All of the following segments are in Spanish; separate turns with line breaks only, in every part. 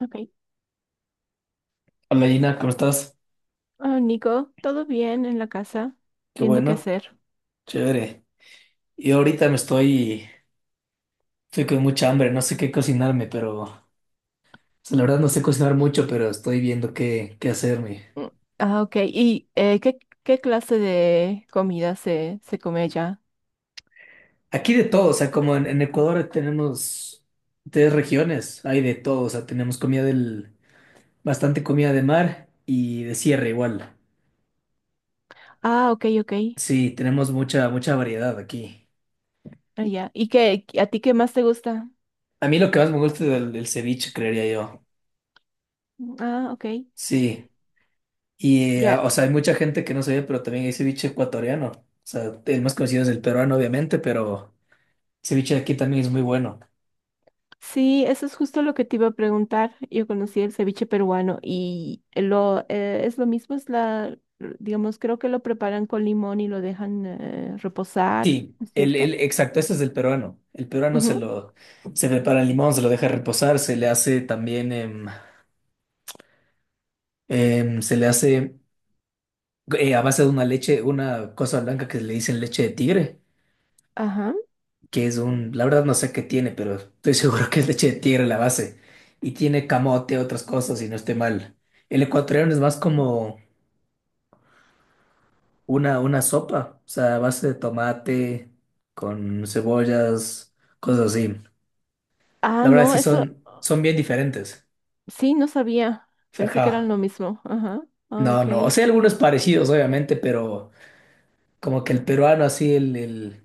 Ok.
Hola Gina, ¿cómo estás?
Ah, Nico, ¿todo bien en la casa?
Qué
Viendo qué
bueno,
hacer.
chévere. Y ahorita estoy con mucha hambre, no sé qué cocinarme, pero, o sea, la verdad no sé cocinar mucho, pero estoy viendo qué hacerme.
Mm. Ah, ok. ¿Y qué, qué clase de comida se come allá?
Aquí de todo, o sea, como en Ecuador tenemos tres regiones, hay de todo, o sea, tenemos comida del, bastante comida de mar y de sierra igual.
Ah, ok, ok.
Sí, tenemos mucha variedad aquí.
Ah, ya. ¿Y qué, a ti qué más te gusta?
A mí lo que más me gusta es el ceviche, creería yo.
Mm, ah, ok.
Sí. Y,
Ya.
o sea, hay mucha gente que no sabe pero también hay ceviche ecuatoriano. O sea, el más conocido es el peruano, obviamente, pero el ceviche de aquí también es muy bueno.
Sí, eso es justo lo que te iba a preguntar. Yo conocí el ceviche peruano y lo es lo mismo, es la, digamos, creo que lo preparan con limón y lo dejan reposar,
Sí,
¿no es cierto?
el exacto, este es el peruano. El peruano
Ujú.
se prepara el limón, se lo deja reposar, se le hace también, se le hace a base de una leche, una cosa blanca que le dicen leche de tigre,
Ajá.
que es un, la verdad no sé qué tiene, pero estoy seguro que es leche de tigre la base. Y tiene camote, otras cosas, y no esté mal. El ecuatoriano es más como una sopa, o sea, a base de tomate, con cebollas, cosas así.
Ah,
La verdad
no,
sí
eso.
son, son bien diferentes.
Sí, no sabía. Pensé que eran
Ajá.
lo mismo. Ajá. Ah,
No,
ok.
no, o sea, algunos parecidos, obviamente, pero como que el peruano, así,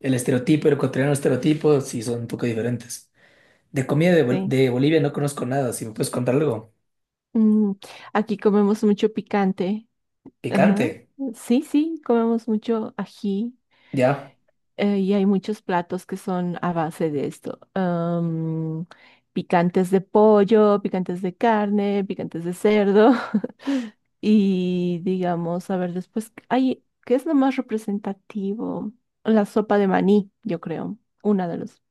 el estereotipo, el ecuatoriano estereotipo, sí son un poco diferentes. De Bol-
Sí.
de Bolivia no conozco nada, si me puedes contar algo.
Mm, aquí comemos mucho picante.
Picante,
Ajá. Sí, sí, comemos mucho ají.
ya,
Eh, y hay muchos platos que son a base de esto. Am, picantes de pollo, picantes de carne, picantes de cerdo. Y digamos, a ver, después, ay, ¿qué es lo más representativo? La sopa de maní, yo creo. Una de los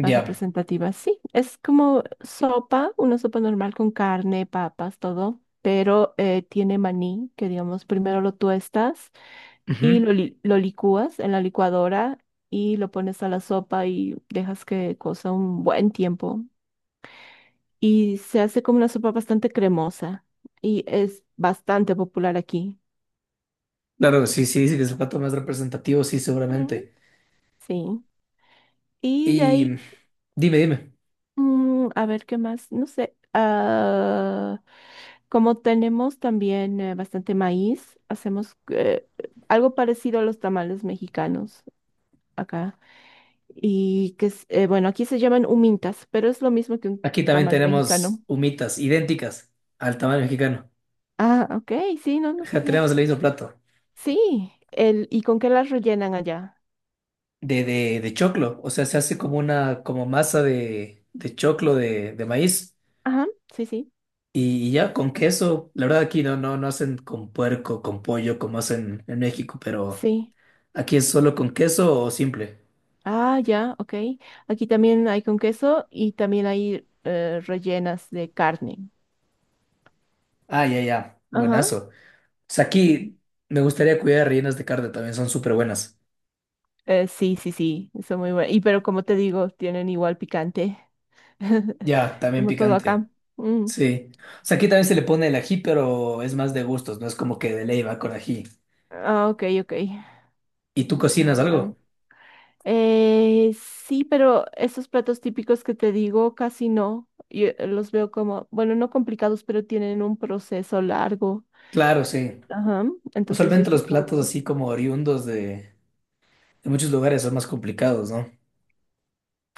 más representativas. Sí, es como sopa, una sopa normal con carne, papas, todo, pero tiene maní, que digamos, primero lo tuestas y
Ujú.
lo, li- lo licúas en la licuadora y lo pones a la sopa y dejas que cosa un buen tiempo. Y se hace como una sopa bastante cremosa y es bastante popular aquí.
Claro, sí, sí, sí, que es el plato más representativo, sí,
Mm.
seguramente.
Sí. Y de
Y
ahí
dime, dime.
mm, a ver, ¿qué más? No sé. Ah, como tenemos también bastante maíz, hacemos algo parecido a los tamales mexicanos acá. Y que es, bueno, aquí se llaman humintas, pero es lo mismo que un
Aquí también
tamal
tenemos
mexicano.
humitas idénticas al tamaño mexicano.
Ah, ok, sí, no, no
Ajá, tenemos el
sabía.
mismo plato
Sí, el, ¿y con qué las rellenan allá?
de choclo. O sea, se hace como una como masa de choclo de maíz.
Ajá, sí, sí,
Y ya con queso, la verdad aquí no hacen con puerco, con pollo como hacen en México, pero
sí.
aquí es solo con queso o simple.
Ah, ya, ok. Aquí también hay con queso y también hay rellenas de carne.
Ah, ya, ya,
Ajá.
buenazo. O sea,
Sí.
aquí me gustaría cuidar rellenas de carne, también son súper buenas.
Sí, sí, sí, son muy buenas. Y pero como te digo, tienen igual picante,
Ya, también
como todo
picante.
acá. Mm.
Sí. O sea, aquí también se le pone el ají, pero es más de gustos, no es como que de ley va con ají.
Ah, ok, ok.
¿Y tú cocinas
Ah, ya.
algo?
Sí, pero esos platos típicos que te digo, casi no. Yo los veo como, bueno, no complicados, pero tienen un proceso largo.
Claro, sí.
Ajá. Entonces yo
Usualmente los
estoy
platos
como...
así como oriundos de muchos lugares son más complicados, ¿no?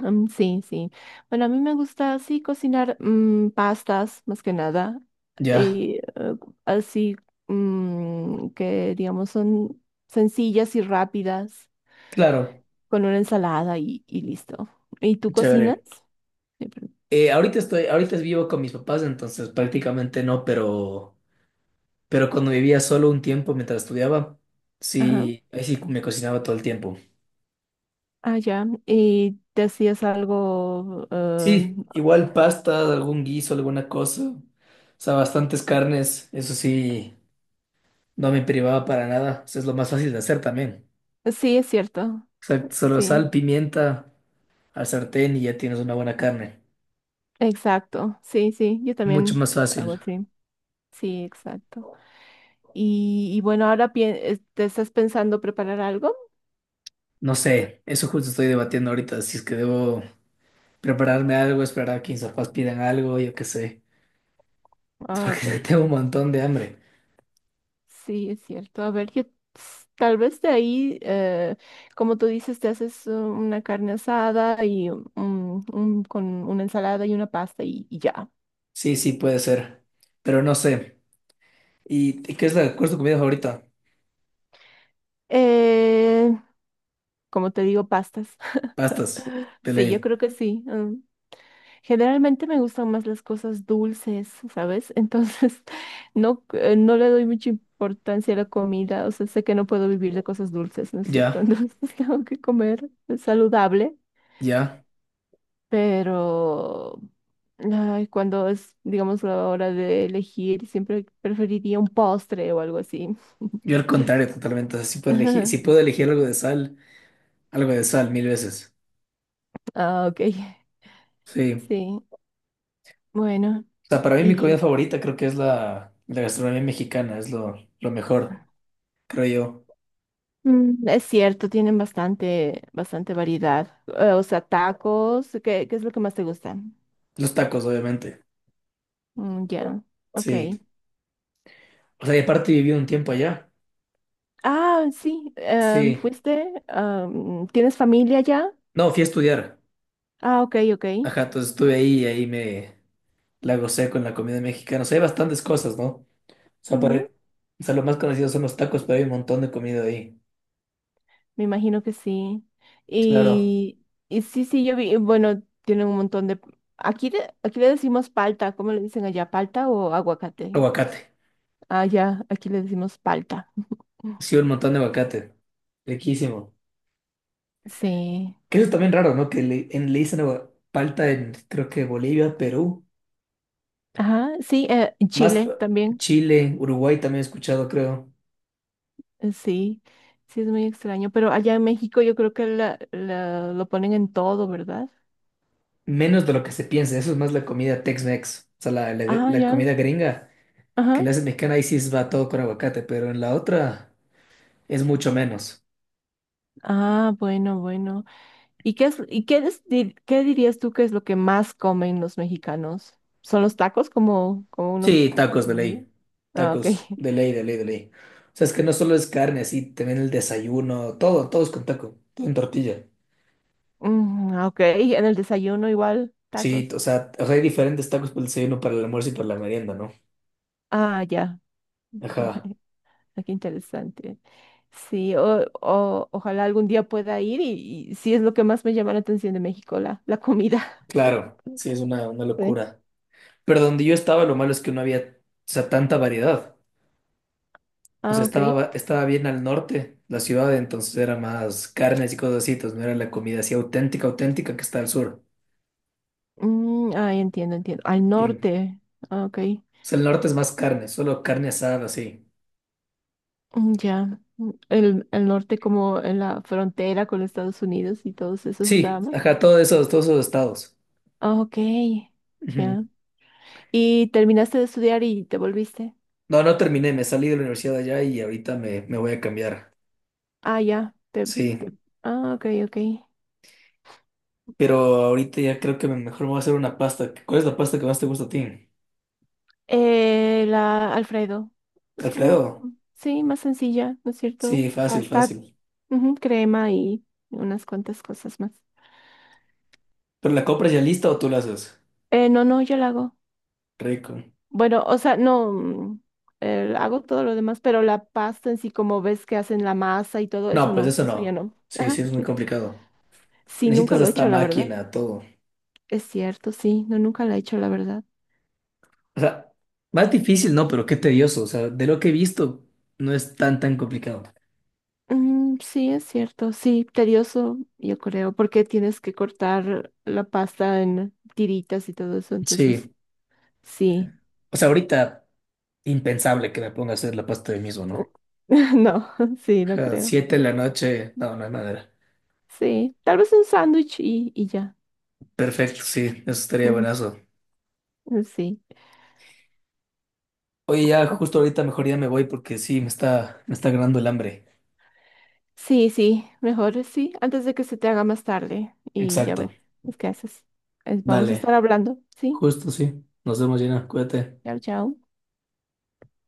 Mm, sí, sí. Bueno, a mí me gusta así cocinar mm, pastas más que nada.
Ya,
Y así mm, que digamos son sencillas y rápidas
claro,
con una ensalada y listo. ¿Y tú cocinas?
chévere.
Sí, pero-
Ahorita vivo con mis papás, entonces prácticamente no, pero cuando vivía solo un tiempo mientras estudiaba,
Ajá.
sí, ahí sí me cocinaba todo el tiempo.
Ah, ya. ¿Y te hacías algo? Eh,
Sí, igual pasta, algún guiso, alguna cosa. O sea, bastantes carnes, eso sí. No me privaba para nada. Eso es lo más fácil de hacer también.
sí, es cierto.
Exacto, solo
Sí,
sal, pimienta al sartén y ya tienes una buena carne.
exacto. Sí, sí. Yo
Mucho
también
más
hago
fácil.
así. Sí, exacto. Y bueno, ahora te estás pensando preparar algo.
No sé, eso justo estoy debatiendo ahorita, si es que debo prepararme algo, esperar a que mis papás pidan algo, yo qué sé,
Ah,
porque
ok.
tengo un montón de hambre.
Sí, es cierto. A ver, yo tal vez de ahí, como tú dices, te haces una carne asada y con una ensalada y una pasta y ya.
Sí, sí, puede ser, pero no sé. ¿Y qué es cuál es tu comida favorita?
Eh, como te digo, pastas.
Pastas, de
Sí, yo
ley.
creo que sí. Mm. Generalmente me gustan más las cosas dulces, ¿sabes? Entonces, no, no le doy mucha importancia a la comida. O sea, sé que no puedo vivir de cosas dulces, ¿no es cierto?
Ya,
Entonces, tengo que comer saludable,
ya.
pero ay, cuando es, digamos, la hora de elegir, siempre preferiría un postre o algo así.
Yo al contrario, totalmente. O sea, si puedo elegir algo de sal, mil veces.
Ah, ok.
Sí.
Sí. Bueno.
O sea, para mí mi comida
Y
favorita creo que es la gastronomía mexicana, es lo mejor, creo yo.
mm, es cierto, tienen bastante, bastante variedad. O sea, tacos, ¿qué, qué es lo que más te gusta?
Los tacos, obviamente.
Mm, ya, ok.
Sí. O sea, y aparte viví un tiempo allá.
Ah, sí, em,
Sí.
fuiste, am, ¿tienes familia ya?
No, fui a estudiar.
Ah, ok, ok.
Ajá, entonces estuve ahí y ahí me la gocé con la comida mexicana. O sea, hay bastantes cosas, ¿no? O sea, para-
Ujú,
o sea, lo más conocido son los tacos, pero hay un montón de comida ahí.
me imagino que sí.
Claro.
Y, y sí, sí, yo vi, bueno, tienen un montón de... Aquí, aquí le decimos palta, ¿cómo le dicen allá? ¿Palta o aguacate?
Aguacate.
Ah, ya, aquí le decimos palta.
Sí, un montón de aguacate. Riquísimo.
Sí.
Que eso es también raro, ¿no? Que le, en, le dicen agua- palta en, creo que Bolivia, Perú.
Ajá, sí, en
Más
Chile también.
Chile, Uruguay también he escuchado, creo.
Sí, sí es muy extraño, pero allá en México yo creo que lo ponen en todo, ¿verdad?
Menos de lo que se piensa. Eso es más la comida Tex-Mex. O sea,
Ah,
la
ya.
comida gringa que
Ajá.
la hace mexicana, ahí sí va todo con aguacate, pero en la otra es mucho menos.
Ah, bueno, bueno. Y qué es qué dirías tú que es lo que más comen los mexicanos? ¿Son los tacos como, como uno
Sí, tacos de
diría?
ley.
Ah, ok.
Tacos de ley, de ley, de ley. O sea, es que no solo es carne, así también el desayuno, todo, todo es con taco, todo en tortilla.
Mm, ah, ok, y en el desayuno igual, tacos.
Sí, o sea, hay diferentes tacos para el desayuno, para el almuerzo y para la merienda, ¿no?
Ah, ya.
Ajá,
Ah, qué interesante. Sí, ojalá algún día pueda ir y sí es lo que más me llama la atención de México, la comida.
claro, sí, es una
Sí.
locura. Pero donde yo estaba, lo malo es que no había, o sea, tanta variedad. O
Ah,
sea,
ok.
estaba bien al norte la ciudad, entonces era más carnes y cosas así, entonces no era la comida así auténtica, auténtica que está al sur.
Mm, ah, entiendo, entiendo. Al
Y, o
norte. Ah, ok.
sea, el norte es más carne, solo carne asada, sí.
Mm, ya. Mm, el norte como en la frontera con los Estados Unidos y todos esos
Sí,
dramas.
ajá, todos esos estados.
Ah, ok.
Ujú.
Ya. ¿Y terminaste de estudiar y te volviste?
No, no terminé, me salí de la universidad allá y ahorita me voy a cambiar.
Ah, ya. Te,
Sí,
te- Ah, ok, ok.
pero ahorita ya creo que me- mejor me voy a hacer una pasta. ¿Cuál es la pasta que más te gusta a ti?
La Alfredo. Es como,
Alfredo.
mm, sí, más sencilla, ¿no es cierto?
Sí, fácil,
Hasta
fácil.
ujú, crema y unas cuantas cosas más.
¿Pero la compras ya lista o tú la haces?
No, no, yo la hago.
Rico.
Bueno, o sea, no, mm, hago todo lo demás, pero la pasta en sí, como ves que hacen la masa y todo eso,
No, pues
no,
eso
eso ya
no.
no.
Sí,
Ajá,
sí, es muy
sí.
complicado.
Sí, nunca
Necesitas
lo he
hasta
hecho, la verdad.
máquina, todo.
Es cierto, sí, no, nunca la he hecho, la verdad.
O sea, más difícil, no, pero qué tedioso. O sea, de lo que he visto, no es tan complicado.
Mm, sí, es cierto, sí, tedioso, yo creo, porque tienes que cortar la pasta en tiritas y todo eso, entonces,
Sí.
sí.
O sea, ahorita, impensable que me ponga a hacer la pasta de mismo, ¿no?
No, sí, no
A
creo.
7 de la noche, no, no hay manera.
Sí, tal vez un sándwich y ya.
Perfecto, sí, eso estaría buenazo.
Sí.
Oye, ya justo ahorita mejor ya me voy porque sí, me está ganando el hambre.
Sí, sí, mejor sí, antes de que se te haga más tarde y ya
Exacto.
ver, pues, ¿qué haces? Vamos a estar
Dale,
hablando, ¿sí?
justo sí. Nos vemos, Gina. Cuídate.
Chao, chao.